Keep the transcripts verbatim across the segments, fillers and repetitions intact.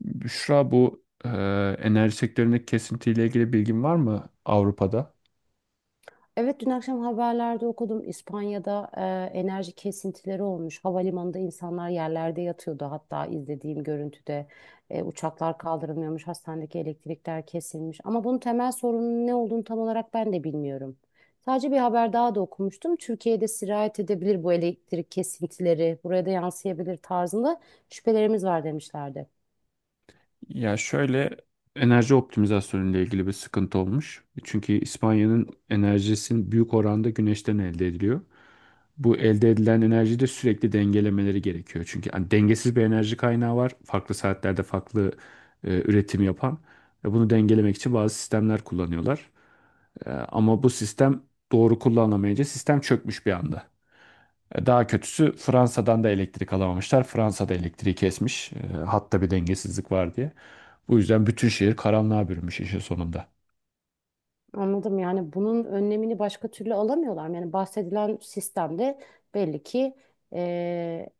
Büşra, bu e, enerji sektöründeki kesintiyle ilgili bilgin var mı Avrupa'da? Evet dün akşam haberlerde okudum. İspanya'da e, enerji kesintileri olmuş. Havalimanında insanlar yerlerde yatıyordu. Hatta izlediğim görüntüde e, uçaklar kaldırılmıyormuş. Hastanedeki elektrikler kesilmiş. Ama bunun temel sorunun ne olduğunu tam olarak ben de bilmiyorum. Sadece bir haber daha da okumuştum. Türkiye'de sirayet edebilir bu elektrik kesintileri. Buraya da yansıyabilir tarzında şüphelerimiz var demişlerdi. Ya şöyle, enerji optimizasyonu ile ilgili bir sıkıntı olmuş. Çünkü İspanya'nın enerjisinin büyük oranda güneşten elde ediliyor. Bu elde edilen enerjiyi de sürekli dengelemeleri gerekiyor. Çünkü hani dengesiz bir enerji kaynağı var. Farklı saatlerde farklı e, üretim yapan. Ve bunu dengelemek için bazı sistemler kullanıyorlar. E, ama bu sistem doğru kullanılamayınca sistem çökmüş bir anda. E, Daha kötüsü Fransa'dan da elektrik alamamışlar. Fransa da elektriği kesmiş. E, Hatta bir dengesizlik var diye. Bu yüzden bütün şehir karanlığa bürünmüş işin sonunda. Anladım, yani bunun önlemini başka türlü alamıyorlar mı? Yani bahsedilen sistemde belli ki eee,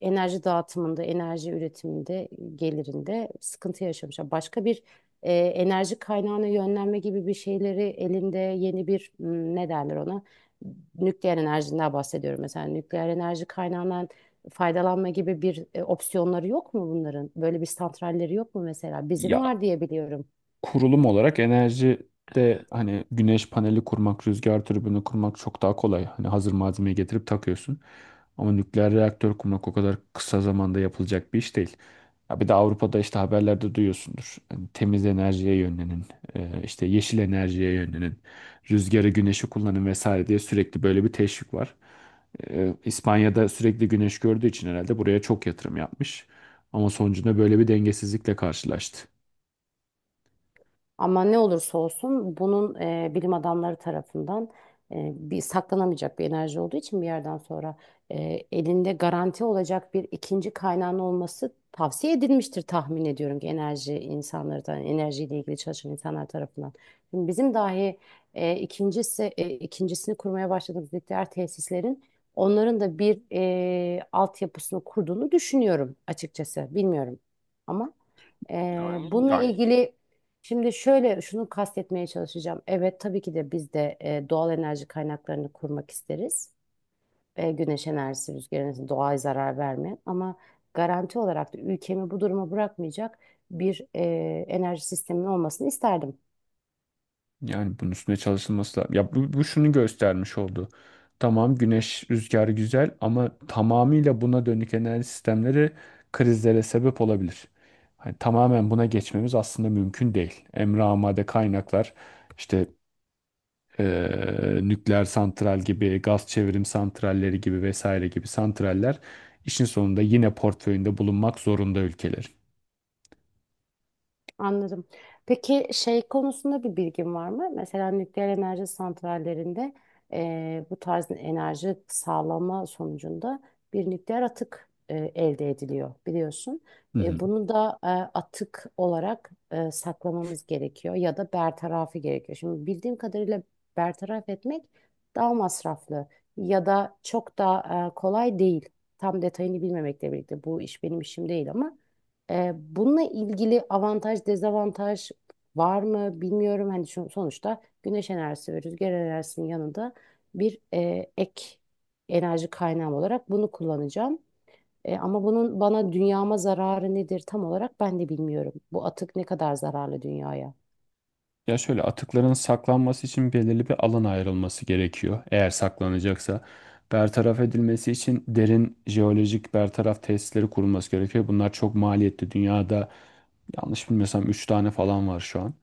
enerji dağıtımında, enerji üretiminde, gelirinde sıkıntı yaşamışlar. Başka bir eee, enerji kaynağına yönlenme gibi bir şeyleri elinde yeni bir m, ne derler ona? Nükleer enerjinden bahsediyorum mesela. Nükleer enerji kaynağından faydalanma gibi bir e, opsiyonları yok mu bunların? Böyle bir santralleri yok mu mesela? Bizim Ya, var diye biliyorum. kurulum olarak enerjide hani güneş paneli kurmak, rüzgar türbini kurmak çok daha kolay. Hani hazır malzemeyi getirip takıyorsun. Ama nükleer reaktör kurmak o kadar kısa zamanda yapılacak bir iş değil. Ya bir de Avrupa'da işte haberlerde duyuyorsundur. Hani temiz enerjiye yönlenin, e, işte yeşil enerjiye yönlenin, rüzgarı, güneşi kullanın vesaire diye sürekli böyle bir teşvik var. E, İspanya'da sürekli güneş gördüğü için herhalde buraya çok yatırım yapmış. Ama sonucunda böyle bir dengesizlikle karşılaştı. Ama ne olursa olsun bunun e, bilim adamları tarafından e, bir saklanamayacak bir enerji olduğu için bir yerden sonra e, elinde garanti olacak bir ikinci kaynağın olması tavsiye edilmiştir, tahmin ediyorum ki enerji insanları da enerjiyle ilgili çalışan insanlar tarafından. Şimdi bizim dahi e, ikincisi e, ikincisini kurmaya başladığımız nükleer tesislerin onların da bir e, altyapısını kurduğunu düşünüyorum açıkçası. Bilmiyorum ama e, bununla ilgili Şimdi şöyle şunu kastetmeye çalışacağım. Evet, tabii ki de biz de e, doğal enerji kaynaklarını kurmak isteriz. E, güneş enerjisi, rüzgar enerjisi doğaya zarar vermeyen ama garanti olarak da ülkemi bu duruma bırakmayacak bir e, enerji sisteminin olmasını isterdim. Yani bunun üstüne çalışılması lazım. Ya bu, bu şunu göstermiş oldu. Tamam, güneş rüzgarı güzel ama tamamıyla buna dönük enerji sistemleri krizlere sebep olabilir. Hani tamamen buna geçmemiz aslında mümkün değil. Emre amade kaynaklar, işte eee, nükleer santral gibi, gaz çevrim santralleri gibi vesaire gibi santraller işin sonunda yine portföyünde bulunmak zorunda ülkeler. Anladım. Peki şey konusunda bir bilgin var mı? Mesela nükleer enerji santrallerinde eee, bu tarz enerji sağlama sonucunda bir nükleer atık eee, elde ediliyor biliyorsun. E, bunu da e, atık olarak e, saklamamız gerekiyor ya da bertarafı gerekiyor. Şimdi bildiğim kadarıyla bertaraf etmek daha masraflı ya da çok da e, kolay değil. Tam detayını bilmemekle birlikte bu iş benim işim değil ama. Ee, bununla ilgili avantaj, dezavantaj var mı bilmiyorum. Hani şu- sonuçta güneş enerjisi ve rüzgar enerjisinin yanında bir e, ek enerji kaynağım olarak bunu kullanacağım. E, ama bunun bana dünyama zararı nedir tam olarak ben de bilmiyorum. Bu atık ne kadar zararlı dünyaya? Ya şöyle, atıkların saklanması için belirli bir alan ayrılması gerekiyor. Eğer saklanacaksa bertaraf edilmesi için derin jeolojik bertaraf tesisleri kurulması gerekiyor. Bunlar çok maliyetli. Dünyada yanlış bilmiyorsam üç tane falan var şu an.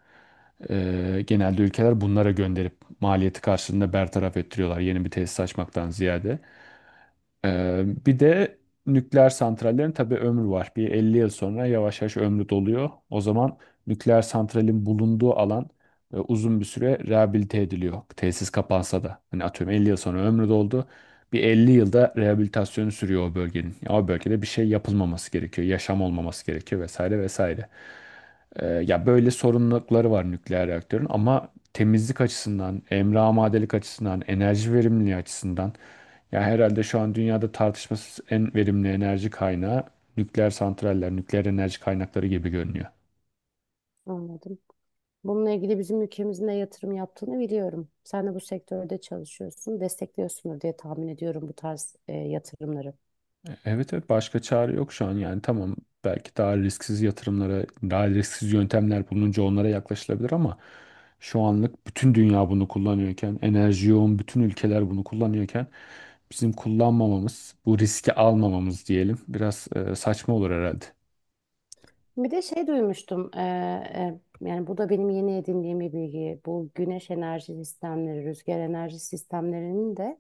Ee, genelde ülkeler bunlara gönderip maliyeti karşılığında bertaraf ettiriyorlar yeni bir tesis açmaktan ziyade. Ee, bir de nükleer santrallerin tabii ömrü var. Bir elli yıl sonra yavaş yavaş ömrü doluyor. O zaman nükleer santralin bulunduğu alan e, uzun bir süre rehabilite ediliyor. Tesis kapansa da. Hani atıyorum, elli yıl sonra ömrü doldu. Bir elli yılda rehabilitasyonu sürüyor o bölgenin. Ya o bölgede bir şey yapılmaması gerekiyor. Yaşam olmaması gerekiyor vesaire vesaire. Ee, ya böyle sorumlulukları var nükleer reaktörün ama temizlik açısından, emre amadelik açısından, enerji verimliliği açısından ya herhalde şu an dünyada tartışmasız en verimli enerji kaynağı nükleer santraller, nükleer enerji kaynakları gibi görünüyor. Anladım. Bununla ilgili bizim ülkemizin de yatırım yaptığını biliyorum. Sen de bu sektörde çalışıyorsun, destekliyorsundur diye tahmin ediyorum bu tarz e, yatırımları. Evet, evet, başka çare yok şu an. Yani tamam, belki daha risksiz yatırımlara, daha risksiz yöntemler bulununca onlara yaklaşılabilir ama şu anlık bütün dünya bunu kullanıyorken, enerji yoğun bütün ülkeler bunu kullanıyorken bizim kullanmamamız, bu riski almamamız, diyelim biraz e, saçma olur herhalde. Bir de şey duymuştum, e, e, yani bu da benim yeni edindiğim bir bilgi. Bu güneş enerji sistemleri, rüzgar enerji sistemlerinin de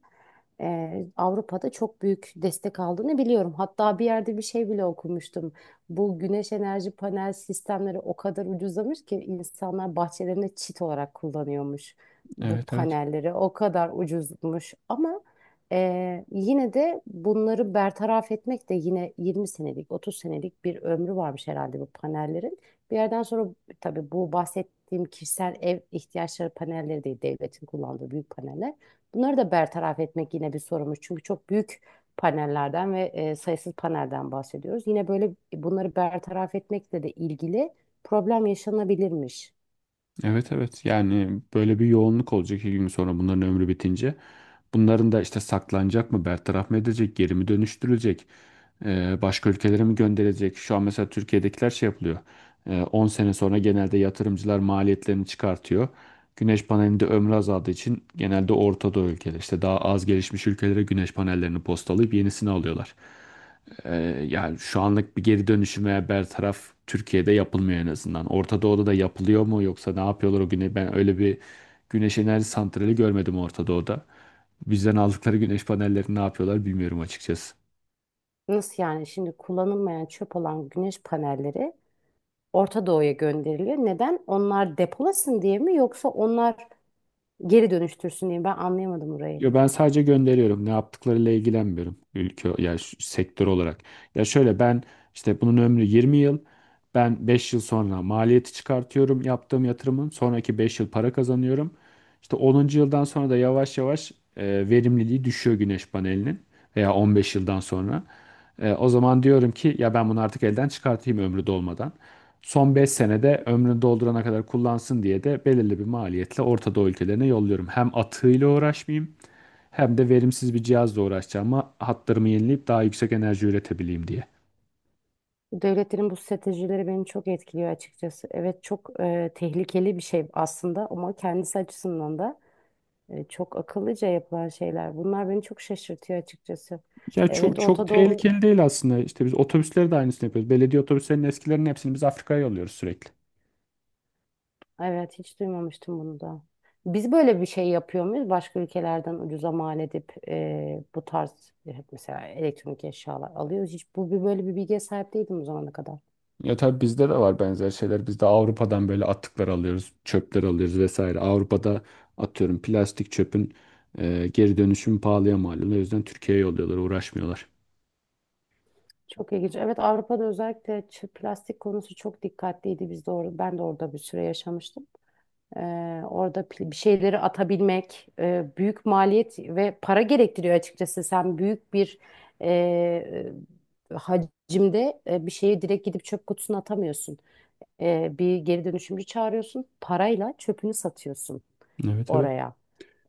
e, Avrupa'da çok büyük destek aldığını biliyorum. Hatta bir yerde bir şey bile okumuştum. Bu güneş enerji panel sistemleri o kadar ucuzlamış ki insanlar bahçelerinde çit olarak kullanıyormuş bu Evet, evet. panelleri. O kadar ucuzmuş ama e, yine de bunları bertaraf etmek de yine yirmi senelik, otuz senelik bir ömrü varmış herhalde bu panellerin. Bir yerden sonra tabii bu bahsettiğim kişisel ev ihtiyaçları panelleri değil, devletin kullandığı büyük paneller. Bunları da bertaraf etmek yine bir sorumuz. Çünkü çok büyük panellerden ve e, sayısız panelden bahsediyoruz. Yine böyle bunları bertaraf etmekle de ilgili problem yaşanabilirmiş. Evet, evet, yani böyle bir yoğunluk olacak iki gün sonra bunların ömrü bitince. Bunların da işte saklanacak mı, bertaraf mı edecek, geri mi dönüştürülecek, e, başka ülkelere mi gönderilecek? Şu an mesela Türkiye'dekiler şey yapılıyor. E, on sene sonra genelde yatırımcılar maliyetlerini çıkartıyor. Güneş panelinde ömrü azaldığı için genelde Orta Doğu ülkeleri, işte daha az gelişmiş ülkelere güneş panellerini postalayıp yenisini alıyorlar. Ee, yani şu anlık bir geri dönüşüm veya bertaraf Türkiye'de yapılmıyor en azından. Orta Doğu'da da yapılıyor mu yoksa ne yapıyorlar o güne? Ben öyle bir güneş enerji santrali görmedim Orta Doğu'da. Bizden aldıkları güneş panellerini ne yapıyorlar bilmiyorum açıkçası. Nasıl yani? Şimdi kullanılmayan çöp olan güneş panelleri Orta Doğu'ya gönderiliyor. Neden? Onlar depolasın diye mi yoksa onlar geri dönüştürsün diye mi? Ben anlayamadım orayı. Yo, ben sadece gönderiyorum. Ne yaptıklarıyla ilgilenmiyorum, ülke ya şu- sektör olarak. Ya şöyle, ben işte bunun ömrü yirmi yıl. Ben beş yıl sonra maliyeti çıkartıyorum yaptığım yatırımın. Sonraki beş yıl para kazanıyorum. İşte onuncu yıldan sonra da yavaş yavaş e, verimliliği düşüyor güneş panelinin, veya on beş yıldan sonra. E, o zaman diyorum ki ya ben bunu artık elden çıkartayım ömrü dolmadan. Son beş senede ömrünü doldurana kadar kullansın diye de belirli bir maliyetle Orta Doğu ülkelerine yolluyorum. Hem atığıyla uğraşmayayım hem de verimsiz bir cihazla uğraşacağıma hatlarımı yenileyip daha yüksek enerji üretebileyim diye. Devletlerin bu stratejileri beni çok etkiliyor açıkçası. Evet, çok e, tehlikeli bir şey aslında ama kendisi açısından da. E, çok akıllıca yapılan şeyler. Bunlar beni çok şaşırtıyor açıkçası. Ya çok Evet, çok Orta Doğu. tehlikeli değil aslında. İşte biz otobüsleri de aynısını yapıyoruz. Belediye otobüslerinin eskilerinin hepsini biz Afrika'ya yolluyoruz sürekli. Evet, hiç duymamıştım bunu da. Biz böyle bir şey yapıyor muyuz? Başka ülkelerden ucuza mal edip e, bu tarz e, mesela elektronik eşyalar alıyoruz. Hiç bu bir böyle bir bilgiye sahip değildim o zamana kadar. Ya tabii bizde de var benzer şeyler. Biz de Avrupa'dan böyle atıklar alıyoruz, çöpler alıyoruz vesaire. Avrupa'da atıyorum plastik çöpün e, geri dönüşümü pahalıya mal oluyor. O yüzden Türkiye'ye yolluyorlar, uğraşmıyorlar. Çok ilginç. Evet, Avrupa'da özellikle ç- plastik konusu çok dikkatliydi. Biz de or- ben de orada bir süre yaşamıştım. Ee, orada pil- bir şeyleri atabilmek e, büyük maliyet ve para gerektiriyor açıkçası. Sen büyük bir e, hacimde e, bir şeyi direkt gidip çöp kutusuna atamıyorsun. E, bir geri dönüşümcü çağırıyorsun, parayla çöpünü satıyorsun Evet, evet. oraya.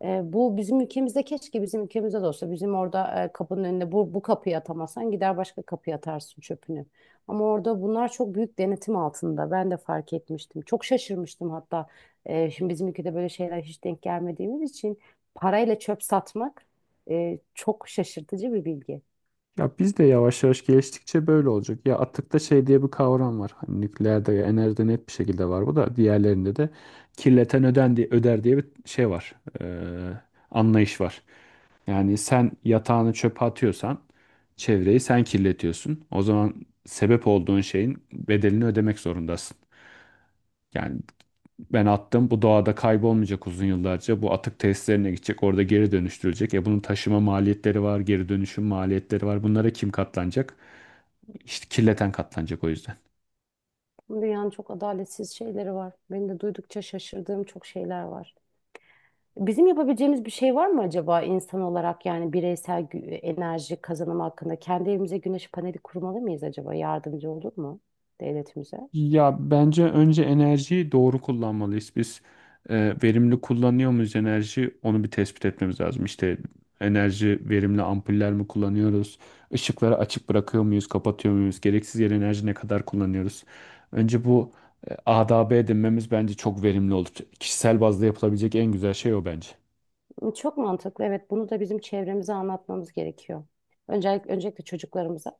E, bu bizim ülkemizde keşke bizim ülkemizde de olsa bizim orada e, kapının önünde bu, bu kapıyı atamasan gider başka kapıya atarsın çöpünü. Ama orada bunlar çok büyük denetim altında. Ben de fark etmiştim. Çok şaşırmıştım hatta. E, şimdi bizim ülkede böyle şeyler hiç denk gelmediğimiz için parayla çöp satmak e, çok şaşırtıcı bir bilgi. Ya biz de yavaş yavaş geliştikçe böyle olacak. Ya atıkta şey diye bir kavram var. Hani nükleerde, enerjide net bir şekilde var bu da. Diğerlerinde de kirleten öden diye, öder diye bir şey var. Ee, anlayış var. Yani sen yatağını çöpe atıyorsan çevreyi sen kirletiyorsun. O zaman sebep olduğun şeyin bedelini ödemek zorundasın. Yani ben attım. Bu doğada kaybolmayacak uzun yıllarca. Bu atık tesislerine gidecek. Orada geri dönüştürülecek. E bunun taşıma maliyetleri var. Geri dönüşüm maliyetleri var. Bunlara kim katlanacak? İşte kirleten katlanacak o yüzden. Bu dünyanın çok adaletsiz şeyleri var. Benim de duydukça şaşırdığım çok şeyler var. Bizim yapabileceğimiz bir şey var mı acaba insan olarak, yani bireysel gü- enerji kazanımı hakkında kendi evimize güneş paneli kurmalı mıyız acaba? Yardımcı olur mu devletimize? Ya bence önce enerjiyi doğru kullanmalıyız. Biz e, verimli kullanıyor muyuz enerji? Onu bir tespit etmemiz lazım. İşte enerji verimli ampuller mi kullanıyoruz? Işıkları açık bırakıyor muyuz, kapatıyor muyuz? Gereksiz yere enerji ne kadar kullanıyoruz? Önce bu e, adabı edinmemiz bence çok verimli olur. Kişisel bazda yapılabilecek en güzel şey o bence. Çok mantıklı. Evet, bunu da bizim çevremize anlatmamız gerekiyor. Öncelikle, öncelikle çocuklarımıza.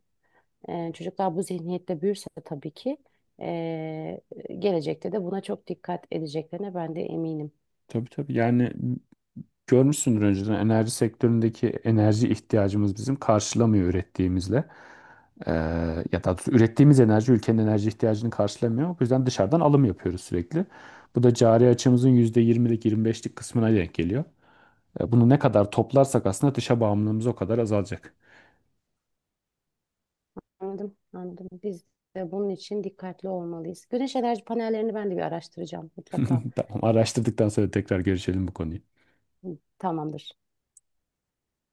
Ee, çocuklar bu zihniyette büyürse tabii ki ee, gelecekte de buna çok dikkat edeceklerine ben de eminim. Tabii, tabii. Yani görmüşsündür, önceden enerji sektöründeki enerji ihtiyacımız bizim karşılamıyor ürettiğimizle. Ee, ya daha doğrusu ürettiğimiz enerji ülkenin enerji ihtiyacını karşılamıyor. Bu yüzden dışarıdan alım yapıyoruz sürekli. Bu da cari açımızın yüzde yirmilik yirmi beşlik kısmına denk geliyor. Ee, Bunu ne kadar toplarsak aslında dışa bağımlılığımız o kadar azalacak. Anladım, anladım. Biz de bunun için dikkatli olmalıyız. Güneş enerji panellerini ben de bir araştıracağım mutlaka. Tamam, araştırdıktan sonra tekrar görüşelim bu konuyu. Tamamdır.